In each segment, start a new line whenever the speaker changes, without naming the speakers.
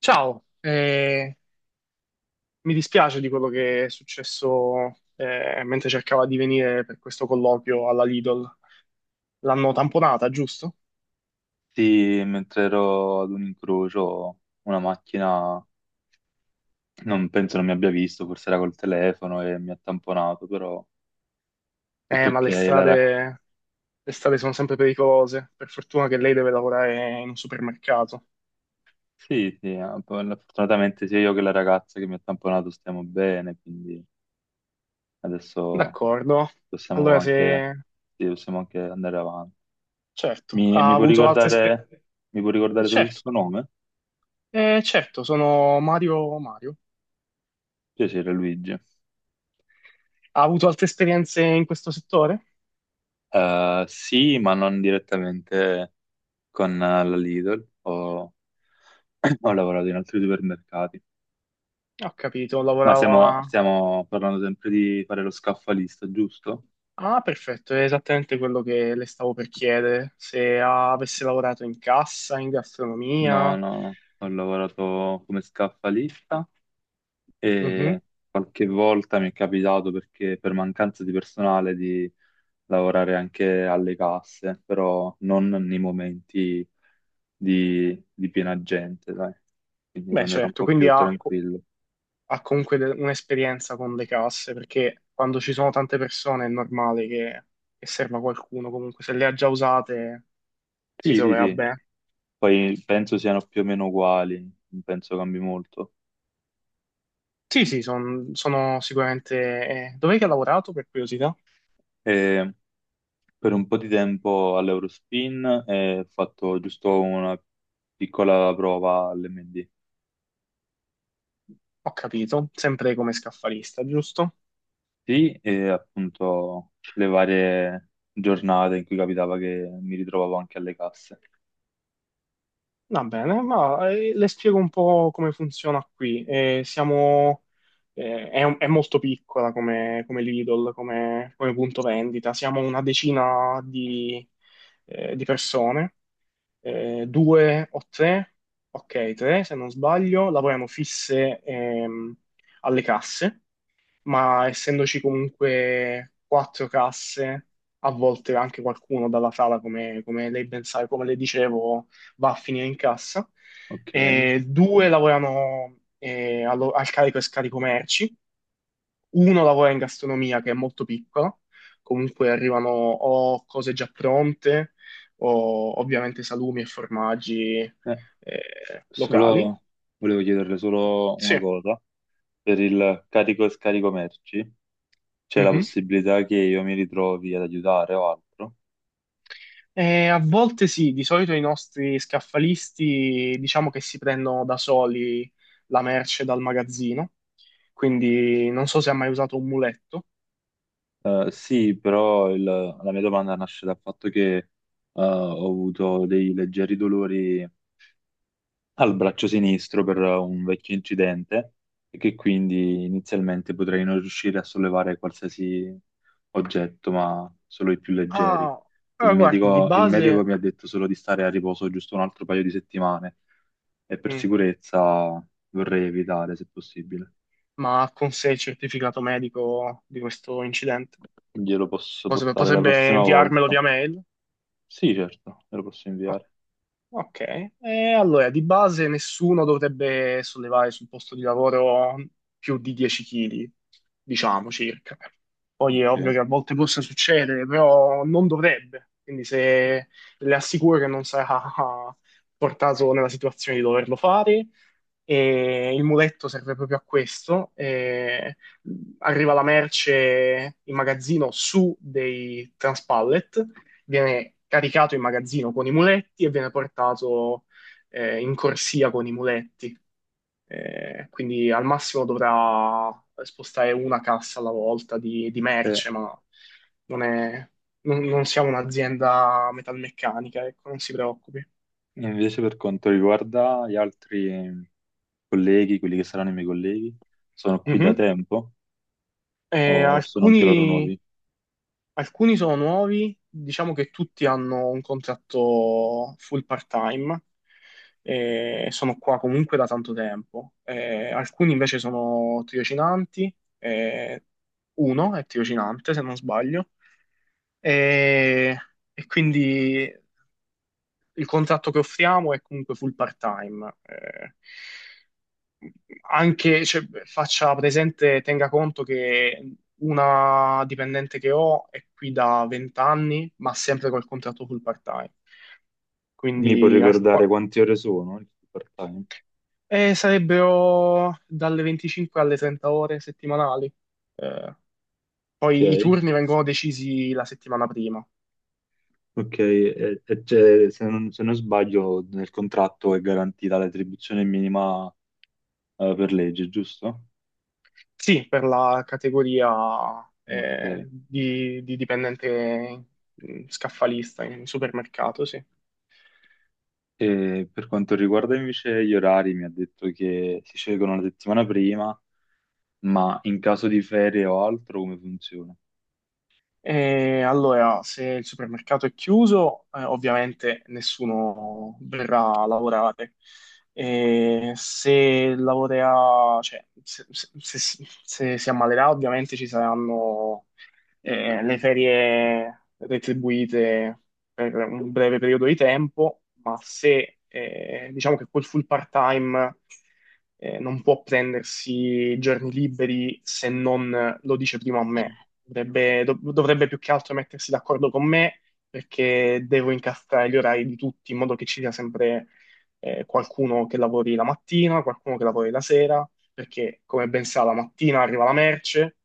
Ciao, mi dispiace di quello che è successo mentre cercava di venire per questo colloquio alla Lidl. L'hanno tamponata, giusto?
Sì, mentre ero ad un incrocio, una macchina non penso non mi abbia visto, forse era col telefono e mi ha tamponato, però tutto
Ma
ok.
le
La ra-
strade, le strade sono sempre pericolose. Per fortuna che lei deve lavorare in un supermercato.
sì, sì, poi fortunatamente sia io che la ragazza che mi ha tamponato stiamo bene, quindi adesso
D'accordo.
possiamo
Allora,
anche,
se.
sì, possiamo anche andare avanti.
Certo,
Mi,
ha
mi può
avuto altre esperienze.
ricordare, mi può ricordare solo il
Certo,
suo nome?
certo, sono Mario Mario.
Piacere, Luigi.
Ha avuto altre esperienze in questo settore?
Sì, ma non direttamente con la Lidl o ho lavorato in altri supermercati,
Ho capito,
ma
lavorava.
stiamo parlando sempre di fare lo scaffalista, giusto?
Ah, perfetto, è esattamente quello che le stavo per chiedere, se avesse lavorato in cassa, in
No,
gastronomia.
no, no. Ho lavorato come scaffalista
Mhm.
e qualche volta mi è capitato perché per mancanza di personale di lavorare anche alle casse, però non nei momenti di piena gente, dai. Quindi
Beh,
quando era un
certo,
po'
quindi
più
ha, co-
tranquillo.
ha comunque un'esperienza con le casse, perché quando ci sono tante persone è normale che serva qualcuno, comunque se le ha già usate si
Sì, sì,
troverà
sì.
bene.
Poi penso siano più o meno uguali, non penso cambi molto.
Sì, sì, sono sicuramente. Dov'è che ha lavorato per curiosità?
E per un po' di tempo all'Eurospin e ho fatto giusto una piccola prova all'MD.
Ho capito, sempre come scaffalista, giusto?
Sì, e appunto le varie giornate in cui capitava che mi ritrovavo anche alle casse.
Va bene, ma le spiego un po' come funziona qui. È molto piccola come Lidl, come punto vendita. Siamo una decina di persone, due o tre, ok, tre se non sbaglio, lavoriamo fisse alle casse, ma essendoci comunque quattro casse, a volte anche qualcuno dalla sala, come lei ben sa, e come le dicevo, va a finire in cassa.
Ok,
E due lavorano al carico e scarico merci, uno lavora in gastronomia che è molto piccola, comunque arrivano o cose già pronte o ovviamente salumi e formaggi
Eh,
locali.
solo volevo chiederle solo
Sì.
una cosa. Per il carico e scarico merci c'è la
Mhm.
possibilità che io mi ritrovi ad aiutare o altro?
A volte sì, di solito i nostri scaffalisti diciamo che si prendono da soli la merce dal magazzino, quindi non so se ha mai usato un muletto.
Sì, però il- la mia domanda nasce dal fatto che ho avuto dei leggeri dolori al braccio sinistro per un vecchio incidente e che quindi inizialmente potrei non riuscire a sollevare qualsiasi oggetto, ma solo i più leggeri.
Ah,
Il
allora guardi, di
medico, il medico
base,
mi ha detto solo di stare a riposo giusto un altro paio di settimane e per
mm,
sicurezza vorrei evitare, se possibile.
ma ha con sé il certificato medico di questo incidente?
Glielo posso
Potrebbe,
portare la
potrebbe
prossima
inviarmelo
volta?
via mail?
Sì, certo, me lo posso inviare.
Ok, e allora di base nessuno dovrebbe sollevare sul posto di lavoro più di 10 kg, diciamo circa. Poi è ovvio
Ok.
che a volte possa succedere, però non dovrebbe. Quindi se le assicuro che non sarà portato nella situazione di doverlo fare. E il muletto serve proprio a questo. E arriva la merce in magazzino su dei transpallet, viene caricato in magazzino con i muletti e viene portato in corsia con i muletti. Quindi al massimo dovrà spostare una cassa alla volta di
E
merce, ma non è- non- non siamo un'azienda metalmeccanica, ecco, non si preoccupi.
invece per quanto riguarda gli altri colleghi, quelli che saranno i miei colleghi, sono qui da
Mhm.
tempo
Eh,
o sono anche loro
alcuni
nuovi?
Alcuni sono nuovi, diciamo che tutti hanno un contratto full part-time e sono qua comunque da tanto tempo. Alcuni invece sono tirocinanti, eh, uno è tirocinante se non sbaglio, e, e quindi il contratto che offriamo è comunque full part-time. Anche cioè, faccia presente, tenga conto che una dipendente che ho è qui da 20 anni, ma sempre col contratto full part-time.
Mi puoi
Quindi
ricordare quante ore sono il part-time?
sarebbero dalle 25 alle 30 ore settimanali. Eh,
Ok,
poi i turni vengono decisi la settimana prima.
ok, e c'è- se non, se non sbaglio nel contratto è garantita l'attribuzione minima per legge, giusto?
Sì, per la categoria
Ok.
di dipendente, scaffalista in supermercato, sì.
E per quanto riguarda invece gli orari, mi ha detto che si scelgono la settimana prima, ma in caso di ferie o altro come funziona?
E allora, se il supermercato è chiuso, ovviamente nessuno verrà a lavorare. E se lavorerà, cioè, se si ammalerà, ovviamente ci saranno le ferie retribuite per un breve periodo di tempo, ma se diciamo che quel full part-time non può prendersi giorni liberi se non lo dice prima a me. Dovrebbe più che altro mettersi d'accordo con me, perché devo incastrare gli orari di tutti in modo che ci sia sempre qualcuno che lavori la mattina, qualcuno che lavori la sera, perché come ben sa la mattina arriva la merce,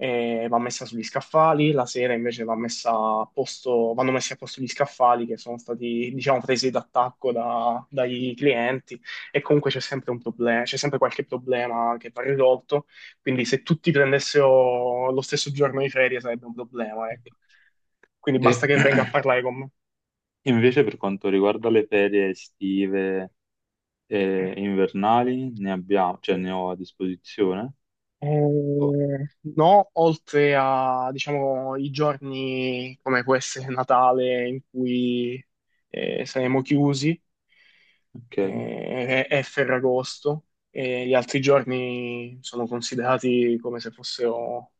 va messa sugli scaffali, la sera invece va messa a posto, vanno messi a posto gli scaffali che sono stati, diciamo, presi d'attacco dai clienti, e comunque c'è sempre un problema, c'è sempre qualche problema che va risolto, quindi se tutti prendessero lo stesso giorno di ferie sarebbe un problema, ecco. Quindi
E
basta che venga a parlare con me.
invece per quanto riguarda le ferie estive e invernali, ne abbiamo, cioè ne ho a disposizione. Oh,
Eh, no, oltre a, diciamo, i giorni come può essere Natale in cui saremo chiusi,
ok,
è Ferragosto, e gli altri giorni sono considerati come se fossero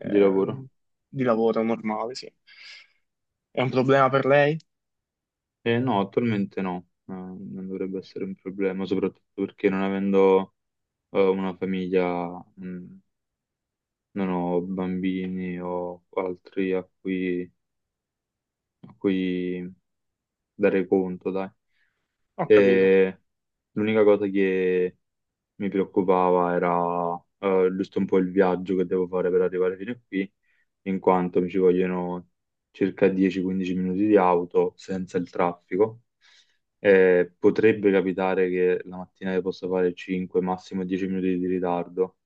di lavoro.
di lavoro normale, sì. È un problema per lei?
No, attualmente no. Non dovrebbe essere un problema, soprattutto perché non avendo una famiglia, mh, non ho bambini o altri a cui dare conto, dai.
Ho capito.
E l'unica cosa che mi preoccupava era giusto un po' il viaggio che devo fare per arrivare fino a qui, in quanto mi ci vogliono circa 10-15 minuti di auto senza il traffico. Potrebbe capitare che la mattina io possa fare 5, massimo 10 minuti di ritardo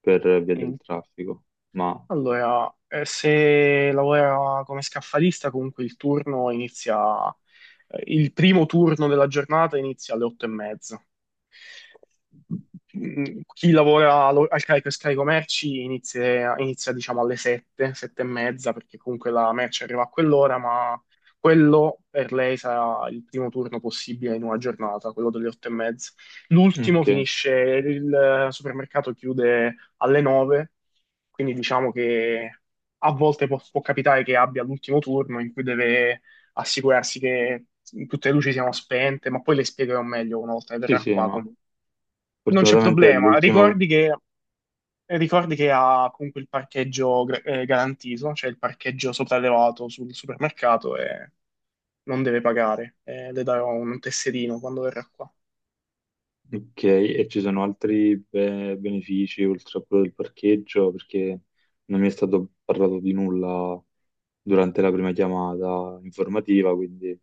per via del
Mm.
traffico, ma
Allora, se lavora come scaffalista, comunque il turno inizia, il primo turno della giornata inizia alle 8:30. Chi lavora al carico e scarico merci inizia, diciamo alle 7, 7 e mezza, perché comunque la merce arriva a quell'ora, ma quello per lei sarà il primo turno possibile in una giornata, quello delle 8 e mezza. L'ultimo
ok,
finisce, il supermercato chiude alle 9, quindi diciamo che a volte può capitare che abbia l'ultimo turno in cui deve assicurarsi che tutte le luci siano spente, ma poi le spiegherò meglio una volta che
sì,
verrà
sì,
qua
ma
comunque. Non c'è
fortunatamente è
problema,
l'ultimo.
ricordi che ha comunque il parcheggio garantito, cioè il parcheggio sopraelevato sul supermercato, e non deve pagare. Le darò un tesserino quando verrà qua.
Ok, e ci sono altri be- benefici oltre a quello del parcheggio, perché non mi è stato parlato di nulla durante la prima chiamata informativa, quindi...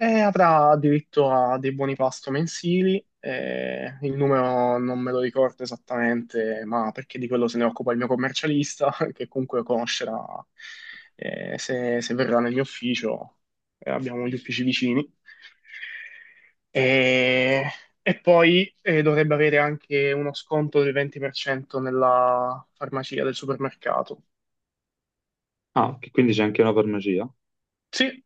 E avrà diritto a dei buoni pasto mensili, il numero non me lo ricordo esattamente, ma perché di quello se ne occupa il mio commercialista, che comunque conoscerà se, verrà nel mio ufficio, abbiamo gli uffici vicini. E, e poi dovrebbe avere anche uno sconto del 20% nella farmacia del supermercato.
Ah, che quindi c'è anche una farmacia
Sì,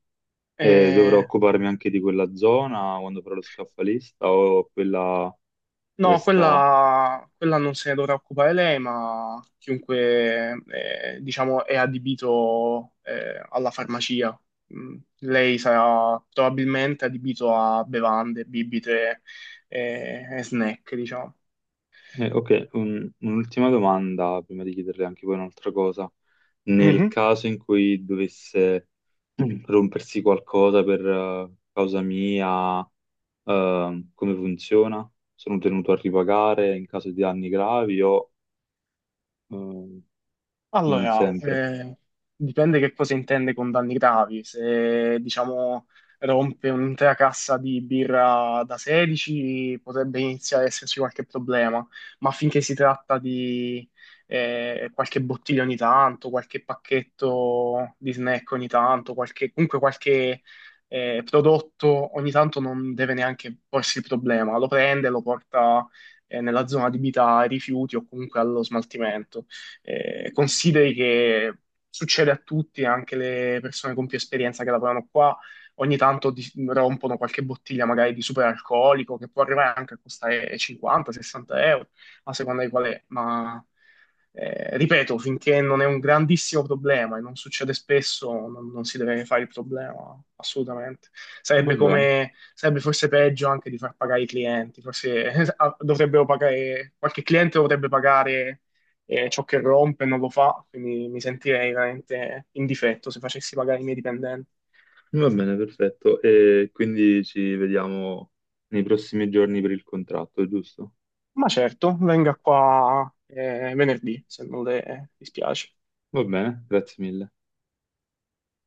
e dovrò
eh,
occuparmi anche di quella zona quando farò lo scaffalista o quella
No,
resta...
quella non se ne dovrà occupare lei, ma chiunque, diciamo, è adibito, alla farmacia. Lei sarà probabilmente adibito a bevande, bibite, e snack, diciamo.
Ok, un- un'ultima domanda prima di chiederle anche poi un'altra cosa. Nel
Mhm.
caso in cui dovesse rompersi qualcosa per causa mia, come funziona? Sono tenuto a ripagare in caso di danni gravi o eh, non
Allora,
sempre?
dipende che cosa intende con danni gravi. Se, diciamo, rompe un'intera cassa di birra da 16, potrebbe iniziare ad esserci qualche problema, ma finché si tratta di qualche bottiglia ogni tanto, qualche pacchetto di snack ogni tanto, comunque qualche prodotto ogni tanto non deve neanche porsi il problema. Lo prende, lo porta nella zona adibita ai rifiuti o comunque allo smaltimento. Consideri che succede a tutti, anche le persone con più esperienza che lavorano qua, ogni tanto rompono qualche bottiglia magari di superalcolico che può arrivare anche a costare 50-60 euro, a seconda di qual è, ma ripeto, finché non è un grandissimo problema e non succede spesso, non si deve fare il problema, assolutamente.
Va
Sarebbe
bene.
come, sarebbe forse peggio anche di far pagare i clienti, forse dovrebbero pagare, qualche cliente dovrebbe pagare e ciò che rompe non lo fa, quindi mi sentirei veramente in difetto se facessi pagare i miei dipendenti.
Va bene, perfetto. E quindi ci vediamo nei prossimi giorni per il contratto, giusto?
Ma certo, venga qua venerdì, se non le dispiace.
Va bene, grazie mille.